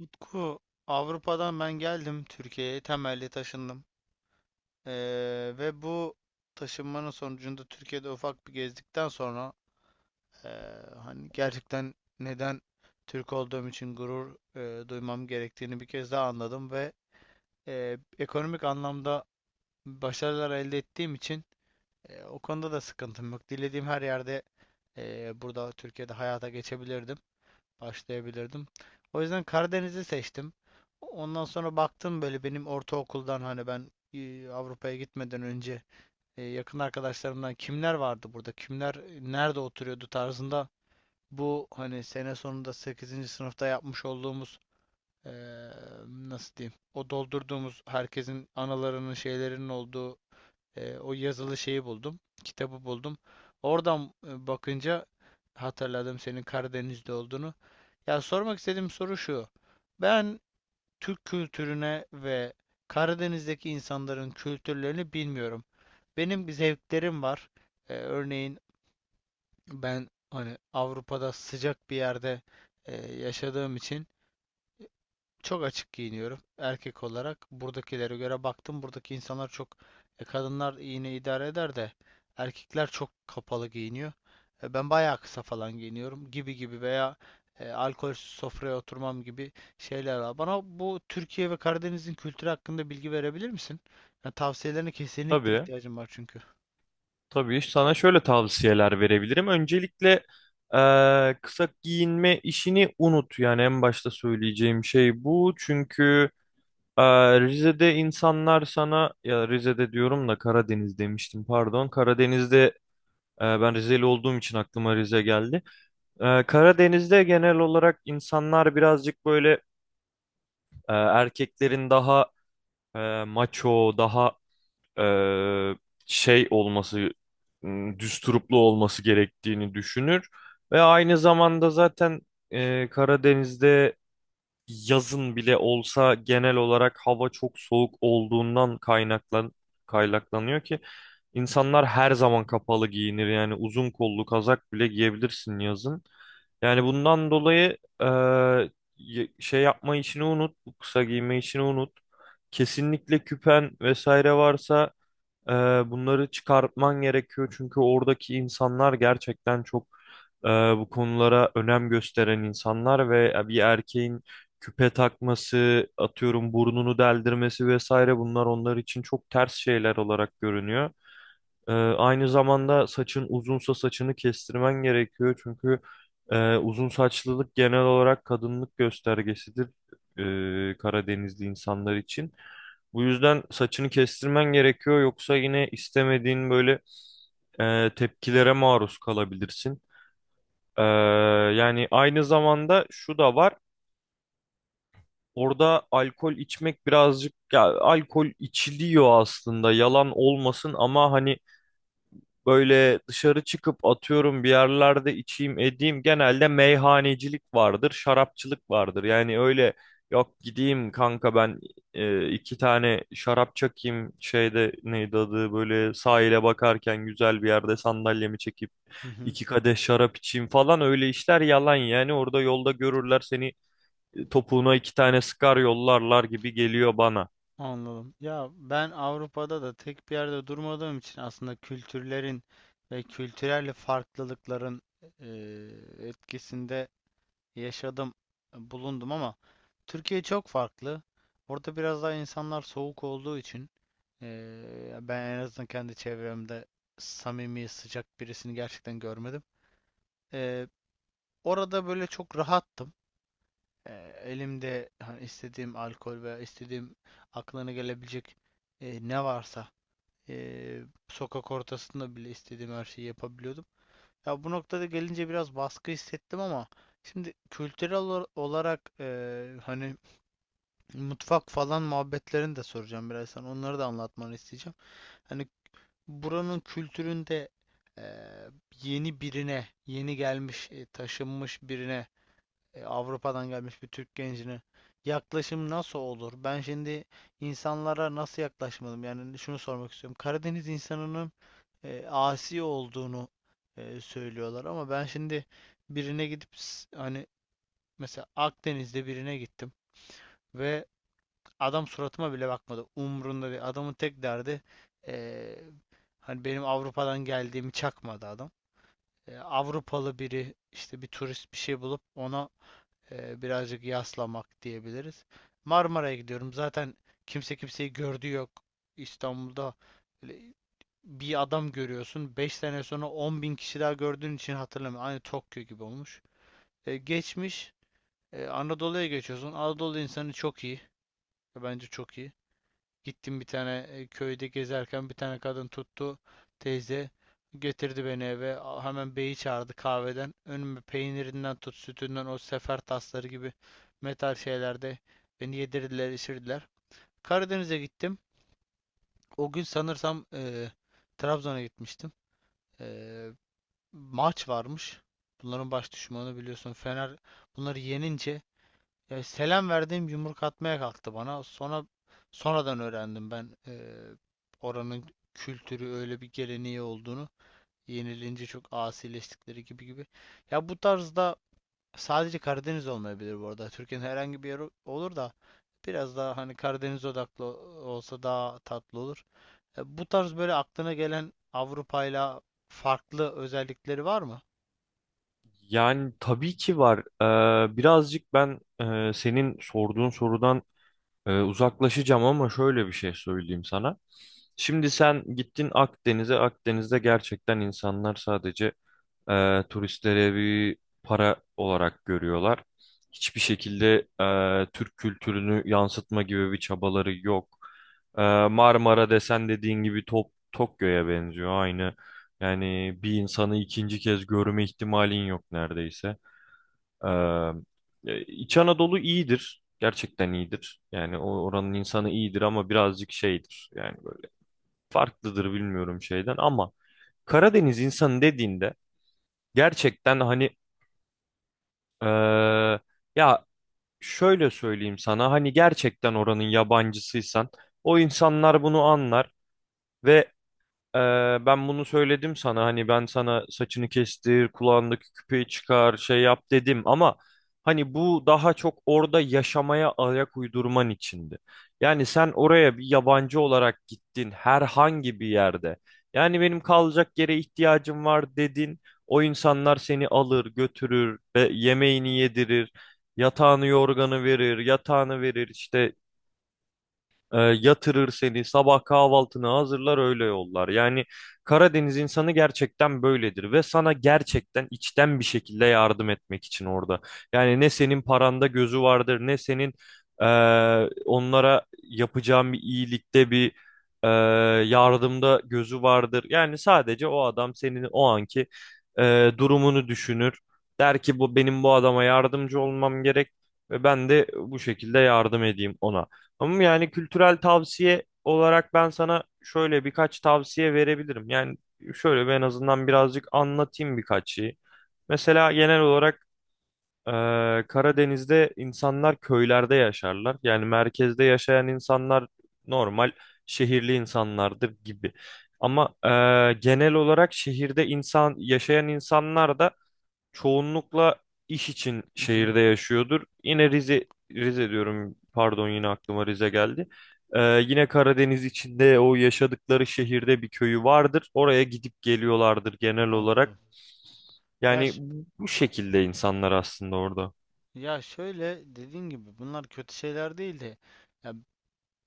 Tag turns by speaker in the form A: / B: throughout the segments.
A: Utku, Avrupa'dan ben geldim Türkiye'ye, temelli taşındım. Ve bu taşınmanın sonucunda Türkiye'de ufak bir gezdikten sonra ee, hani gerçekten neden Türk olduğum için gurur duymam gerektiğini bir kez daha anladım ve ekonomik anlamda başarılar elde ettiğim için o konuda da sıkıntım yok. Dilediğim her yerde burada Türkiye'de hayata geçebilirdim, başlayabilirdim. O yüzden Karadeniz'i seçtim. Ondan sonra baktım, böyle benim ortaokuldan hani ben Avrupa'ya gitmeden önce yakın arkadaşlarımdan kimler vardı burada, kimler nerede oturuyordu tarzında bu hani sene sonunda sekizinci sınıfta yapmış olduğumuz e, nasıl diyeyim o doldurduğumuz herkesin analarının şeylerinin olduğu o yazılı şeyi buldum. Kitabı buldum. Oradan bakınca hatırladım senin Karadeniz'de olduğunu. Ya, sormak istediğim soru şu. Ben Türk kültürüne ve Karadeniz'deki insanların kültürlerini bilmiyorum. Benim zevklerim var. Örneğin ben hani Avrupa'da sıcak bir yerde yaşadığım için çok açık giyiniyorum erkek olarak. Buradakilere göre baktım. Buradaki insanlar çok, kadınlar yine idare eder de erkekler çok kapalı giyiniyor. Ben bayağı kısa falan giyiniyorum gibi gibi, veya alkolsüz sofraya oturmam gibi şeyler var. Bana bu Türkiye ve Karadeniz'in kültürü hakkında bilgi verebilir misin? Yani tavsiyelerine kesinlikle
B: Tabii,
A: ihtiyacım var çünkü.
B: tabii. Sana şöyle tavsiyeler verebilirim. Öncelikle kısa giyinme işini unut. Yani en başta söyleyeceğim şey bu. Çünkü Rize'de insanlar sana, ya Rize'de diyorum da Karadeniz demiştim pardon. Karadeniz'de ben Rizeli olduğum için aklıma Rize geldi. Karadeniz'de genel olarak insanlar birazcık böyle erkeklerin daha maço, daha eee, şey olması, düsturuplu olması gerektiğini düşünür. Ve aynı zamanda zaten Karadeniz'de yazın bile olsa genel olarak hava çok soğuk olduğundan kaynaklanıyor ki insanlar her zaman kapalı giyinir. Yani uzun kollu kazak bile giyebilirsin yazın. Yani bundan dolayı şey yapma işini unut, bu kısa giyme işini unut. Kesinlikle küpen vesaire varsa ee, bunları çıkartman gerekiyor çünkü oradaki insanlar gerçekten çok bu konulara önem gösteren insanlar ve bir erkeğin küpe takması, atıyorum burnunu deldirmesi vesaire bunlar onlar için çok ters şeyler olarak görünüyor. Aynı zamanda saçın uzunsa saçını kestirmen gerekiyor. Çünkü uzun saçlılık genel olarak kadınlık göstergesidir, Karadenizli insanlar için. Bu yüzden saçını kestirmen gerekiyor. Yoksa yine istemediğin böyle tepkilere maruz kalabilirsin. Ee, Yani aynı zamanda şu da var. Orada alkol içmek birazcık ya, alkol içiliyor aslında yalan olmasın ama hani böyle dışarı çıkıp atıyorum bir yerlerde içeyim edeyim. Genelde meyhanecilik vardır, şarapçılık vardır. Yani öyle yok gideyim kanka ben iki tane şarap çakayım şeyde neydi adı böyle sahile bakarken güzel bir yerde sandalyemi çekip
A: Hı hı.
B: iki kadeh şarap içeyim falan öyle işler yalan yani orada yolda görürler seni, topuğuna iki tane sıkar yollarlar gibi geliyor bana.
A: Anladım. Ya ben Avrupa'da da tek bir yerde durmadığım için aslında kültürlerin ve kültürel farklılıkların etkisinde yaşadım, bulundum, ama Türkiye çok farklı. Orada biraz daha insanlar soğuk olduğu için ben en azından kendi çevremde samimi, sıcak birisini gerçekten görmedim. Eee, Orada böyle çok rahattım. Elimde hani istediğim alkol veya istediğim aklına gelebilecek ne varsa, sokak ortasında bile istediğim her şeyi yapabiliyordum. Ya bu noktada gelince biraz baskı hissettim, ama şimdi kültürel olarak hani mutfak falan muhabbetlerini de soracağım birazdan. Onları da anlatmanı isteyeceğim. Hani buranın kültüründe eee, yeni birine, yeni gelmiş, taşınmış birine, Avrupa'dan gelmiş bir Türk gencine yaklaşım nasıl olur? Ben şimdi insanlara nasıl yaklaşmalım? Yani şunu sormak istiyorum. Karadeniz insanının asi olduğunu söylüyorlar, ama ben şimdi birine gidip hani mesela Akdeniz'de birine gittim ve adam suratıma bile bakmadı. Umrunda değil. Adamın tek derdi e, hani, benim Avrupa'dan geldiğimi çakmadı adam. Avrupalı biri işte, bir turist bir şey bulup ona birazcık yaslamak diyebiliriz. Marmara'ya gidiyorum. Zaten kimse kimseyi gördüğü yok. İstanbul'da öyle bir adam görüyorsun, 5 sene sonra 10 bin kişi daha gördüğün için hatırlamıyorum. Aynı Tokyo gibi olmuş. Geçmiş. Anadolu'ya geçiyorsun. Anadolu insanı çok iyi. Bence çok iyi. Gittim, bir tane köyde gezerken bir tane kadın tuttu, teyze, getirdi beni eve, hemen beyi çağırdı, kahveden önüme peynirinden tut sütünden, o sefer tasları gibi metal şeylerde beni yedirdiler içirdiler. Karadeniz'e gittim, o gün sanırsam Trabzon'a gitmiştim. E, Maç varmış, bunların baş düşmanı biliyorsun, Fener, bunları yenince ya selam verdiğim yumruk atmaya kalktı bana. Sonra sonradan öğrendim ben oranın kültürü öyle bir geleneği olduğunu. Yenilince çok asileştikleri gibi gibi. Ya bu tarzda sadece Karadeniz olmayabilir bu arada. Türkiye'nin herhangi bir yeri olur da biraz daha hani Karadeniz odaklı olsa daha tatlı olur. Bu tarz böyle aklına gelen Avrupa'yla farklı özellikleri var mı?
B: Yani tabii ki var. Birazcık ben senin sorduğun sorudan uzaklaşacağım ama şöyle bir şey söyleyeyim sana. Şimdi sen gittin Akdeniz'e. Akdeniz'de gerçekten insanlar sadece turistlere bir para olarak görüyorlar. Hiçbir şekilde Türk kültürünü yansıtma gibi bir çabaları yok. E, Marmara desen dediğin gibi Tokyo'ya benziyor aynı. Yani bir insanı ikinci kez görme ihtimalin yok neredeyse. İç Anadolu iyidir. Gerçekten iyidir. Yani o oranın insanı iyidir ama birazcık şeydir. Yani böyle farklıdır bilmiyorum şeyden ama Karadeniz insanı dediğinde gerçekten hani eee, ya şöyle söyleyeyim sana hani gerçekten oranın yabancısıysan o insanlar bunu anlar ve Ee, ben bunu söyledim sana hani ben sana saçını kestir, kulağındaki küpeyi çıkar, şey yap dedim ama hani bu daha çok orada yaşamaya ayak uydurman içindi. Yani sen oraya bir yabancı olarak gittin herhangi bir yerde. Yani benim kalacak yere ihtiyacım var dedin. O insanlar seni alır, götürür ve yemeğini yedirir, yatağını yorganı verir, yatağını verir işte, yatırır seni, sabah kahvaltını hazırlar öyle yollar. Yani Karadeniz insanı gerçekten böyledir ve sana gerçekten içten bir şekilde yardım etmek için orada. Yani ne senin paranda gözü vardır, ne senin e, onlara yapacağın bir iyilikte bir e, yardımda gözü vardır. Yani sadece o adam senin o anki durumunu düşünür. Der ki bu benim bu adama yardımcı olmam gerek ve ben de bu şekilde yardım edeyim ona. Ama yani kültürel tavsiye olarak ben sana şöyle birkaç tavsiye verebilirim. Yani şöyle ben en azından birazcık anlatayım birkaç şeyi. Mesela genel olarak Karadeniz'de insanlar köylerde yaşarlar. Yani merkezde yaşayan insanlar normal şehirli insanlardır gibi. Ama genel olarak şehirde insan yaşayan insanlar da çoğunlukla iş için
A: Mhm.
B: şehirde yaşıyordur. Yine Rize diyorum pardon yine aklıma Rize geldi. Yine Karadeniz içinde o yaşadıkları şehirde bir köyü vardır. Oraya gidip geliyorlardır genel olarak.
A: Anladım. Ya
B: Yani bu şekilde insanlar aslında orada.
A: Ya, şöyle dediğin gibi bunlar kötü şeyler değil de, ya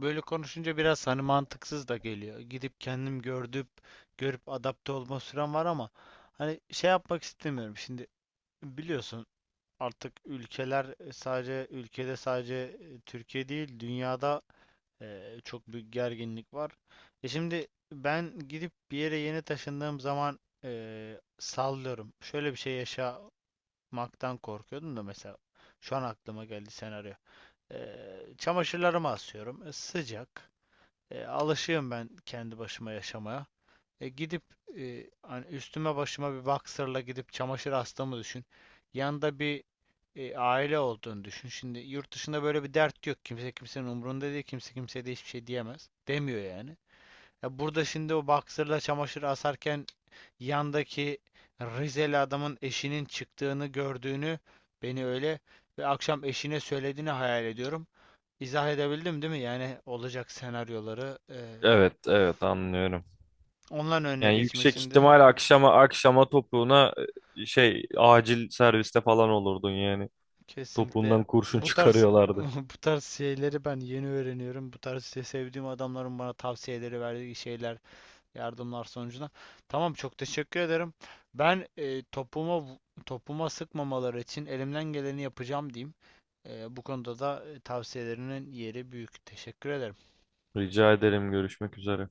A: böyle konuşunca biraz hani mantıksız da geliyor. Gidip kendim görüp adapte olma sürem var, ama hani şey yapmak istemiyorum. Şimdi biliyorsun, artık ülkeler, sadece ülkede, sadece Türkiye değil dünyada çok büyük gerginlik var. Şimdi ben gidip bir yere yeni taşındığım zaman, sallıyorum. Şöyle bir şey yaşa maktan korkuyordum da, mesela şu an aklıma geldi senaryo. Çamaşırlarımı asıyorum. Sıcak. Alışığım ben kendi başıma yaşamaya. Gidip hani üstüme başıma bir boxer'la gidip çamaşır astığımı düşün. Yanında bir aile olduğunu düşün. Şimdi yurt dışında böyle bir dert yok. Kimse kimsenin umurunda değil. Kimse kimseye de hiçbir şey diyemez. Demiyor yani. Ya burada şimdi o boxer'la çamaşır asarken yandaki Rizeli adamın eşinin çıktığını gördüğünü, beni öyle, ve akşam eşine söylediğini hayal ediyorum. İzah edebildim değil mi? Yani olacak senaryoları,
B: Evet, evet anlıyorum.
A: onların önüne
B: Yani
A: geçmek
B: yüksek
A: için de
B: ihtimal akşama topuğuna şey acil serviste falan olurdun yani.
A: kesinlikle
B: Topuğundan kurşun
A: bu tarz
B: çıkarıyorlardı.
A: bu tarz şeyleri ben yeni öğreniyorum. Bu tarz işte, sevdiğim adamların bana tavsiyeleri verdiği şeyler, yardımlar sonucunda. Tamam, çok teşekkür ederim. Ben topuma sıkmamaları için elimden geleni yapacağım diyeyim. Bu konuda da tavsiyelerinin yeri büyük. Teşekkür ederim.
B: Rica ederim, görüşmek üzere.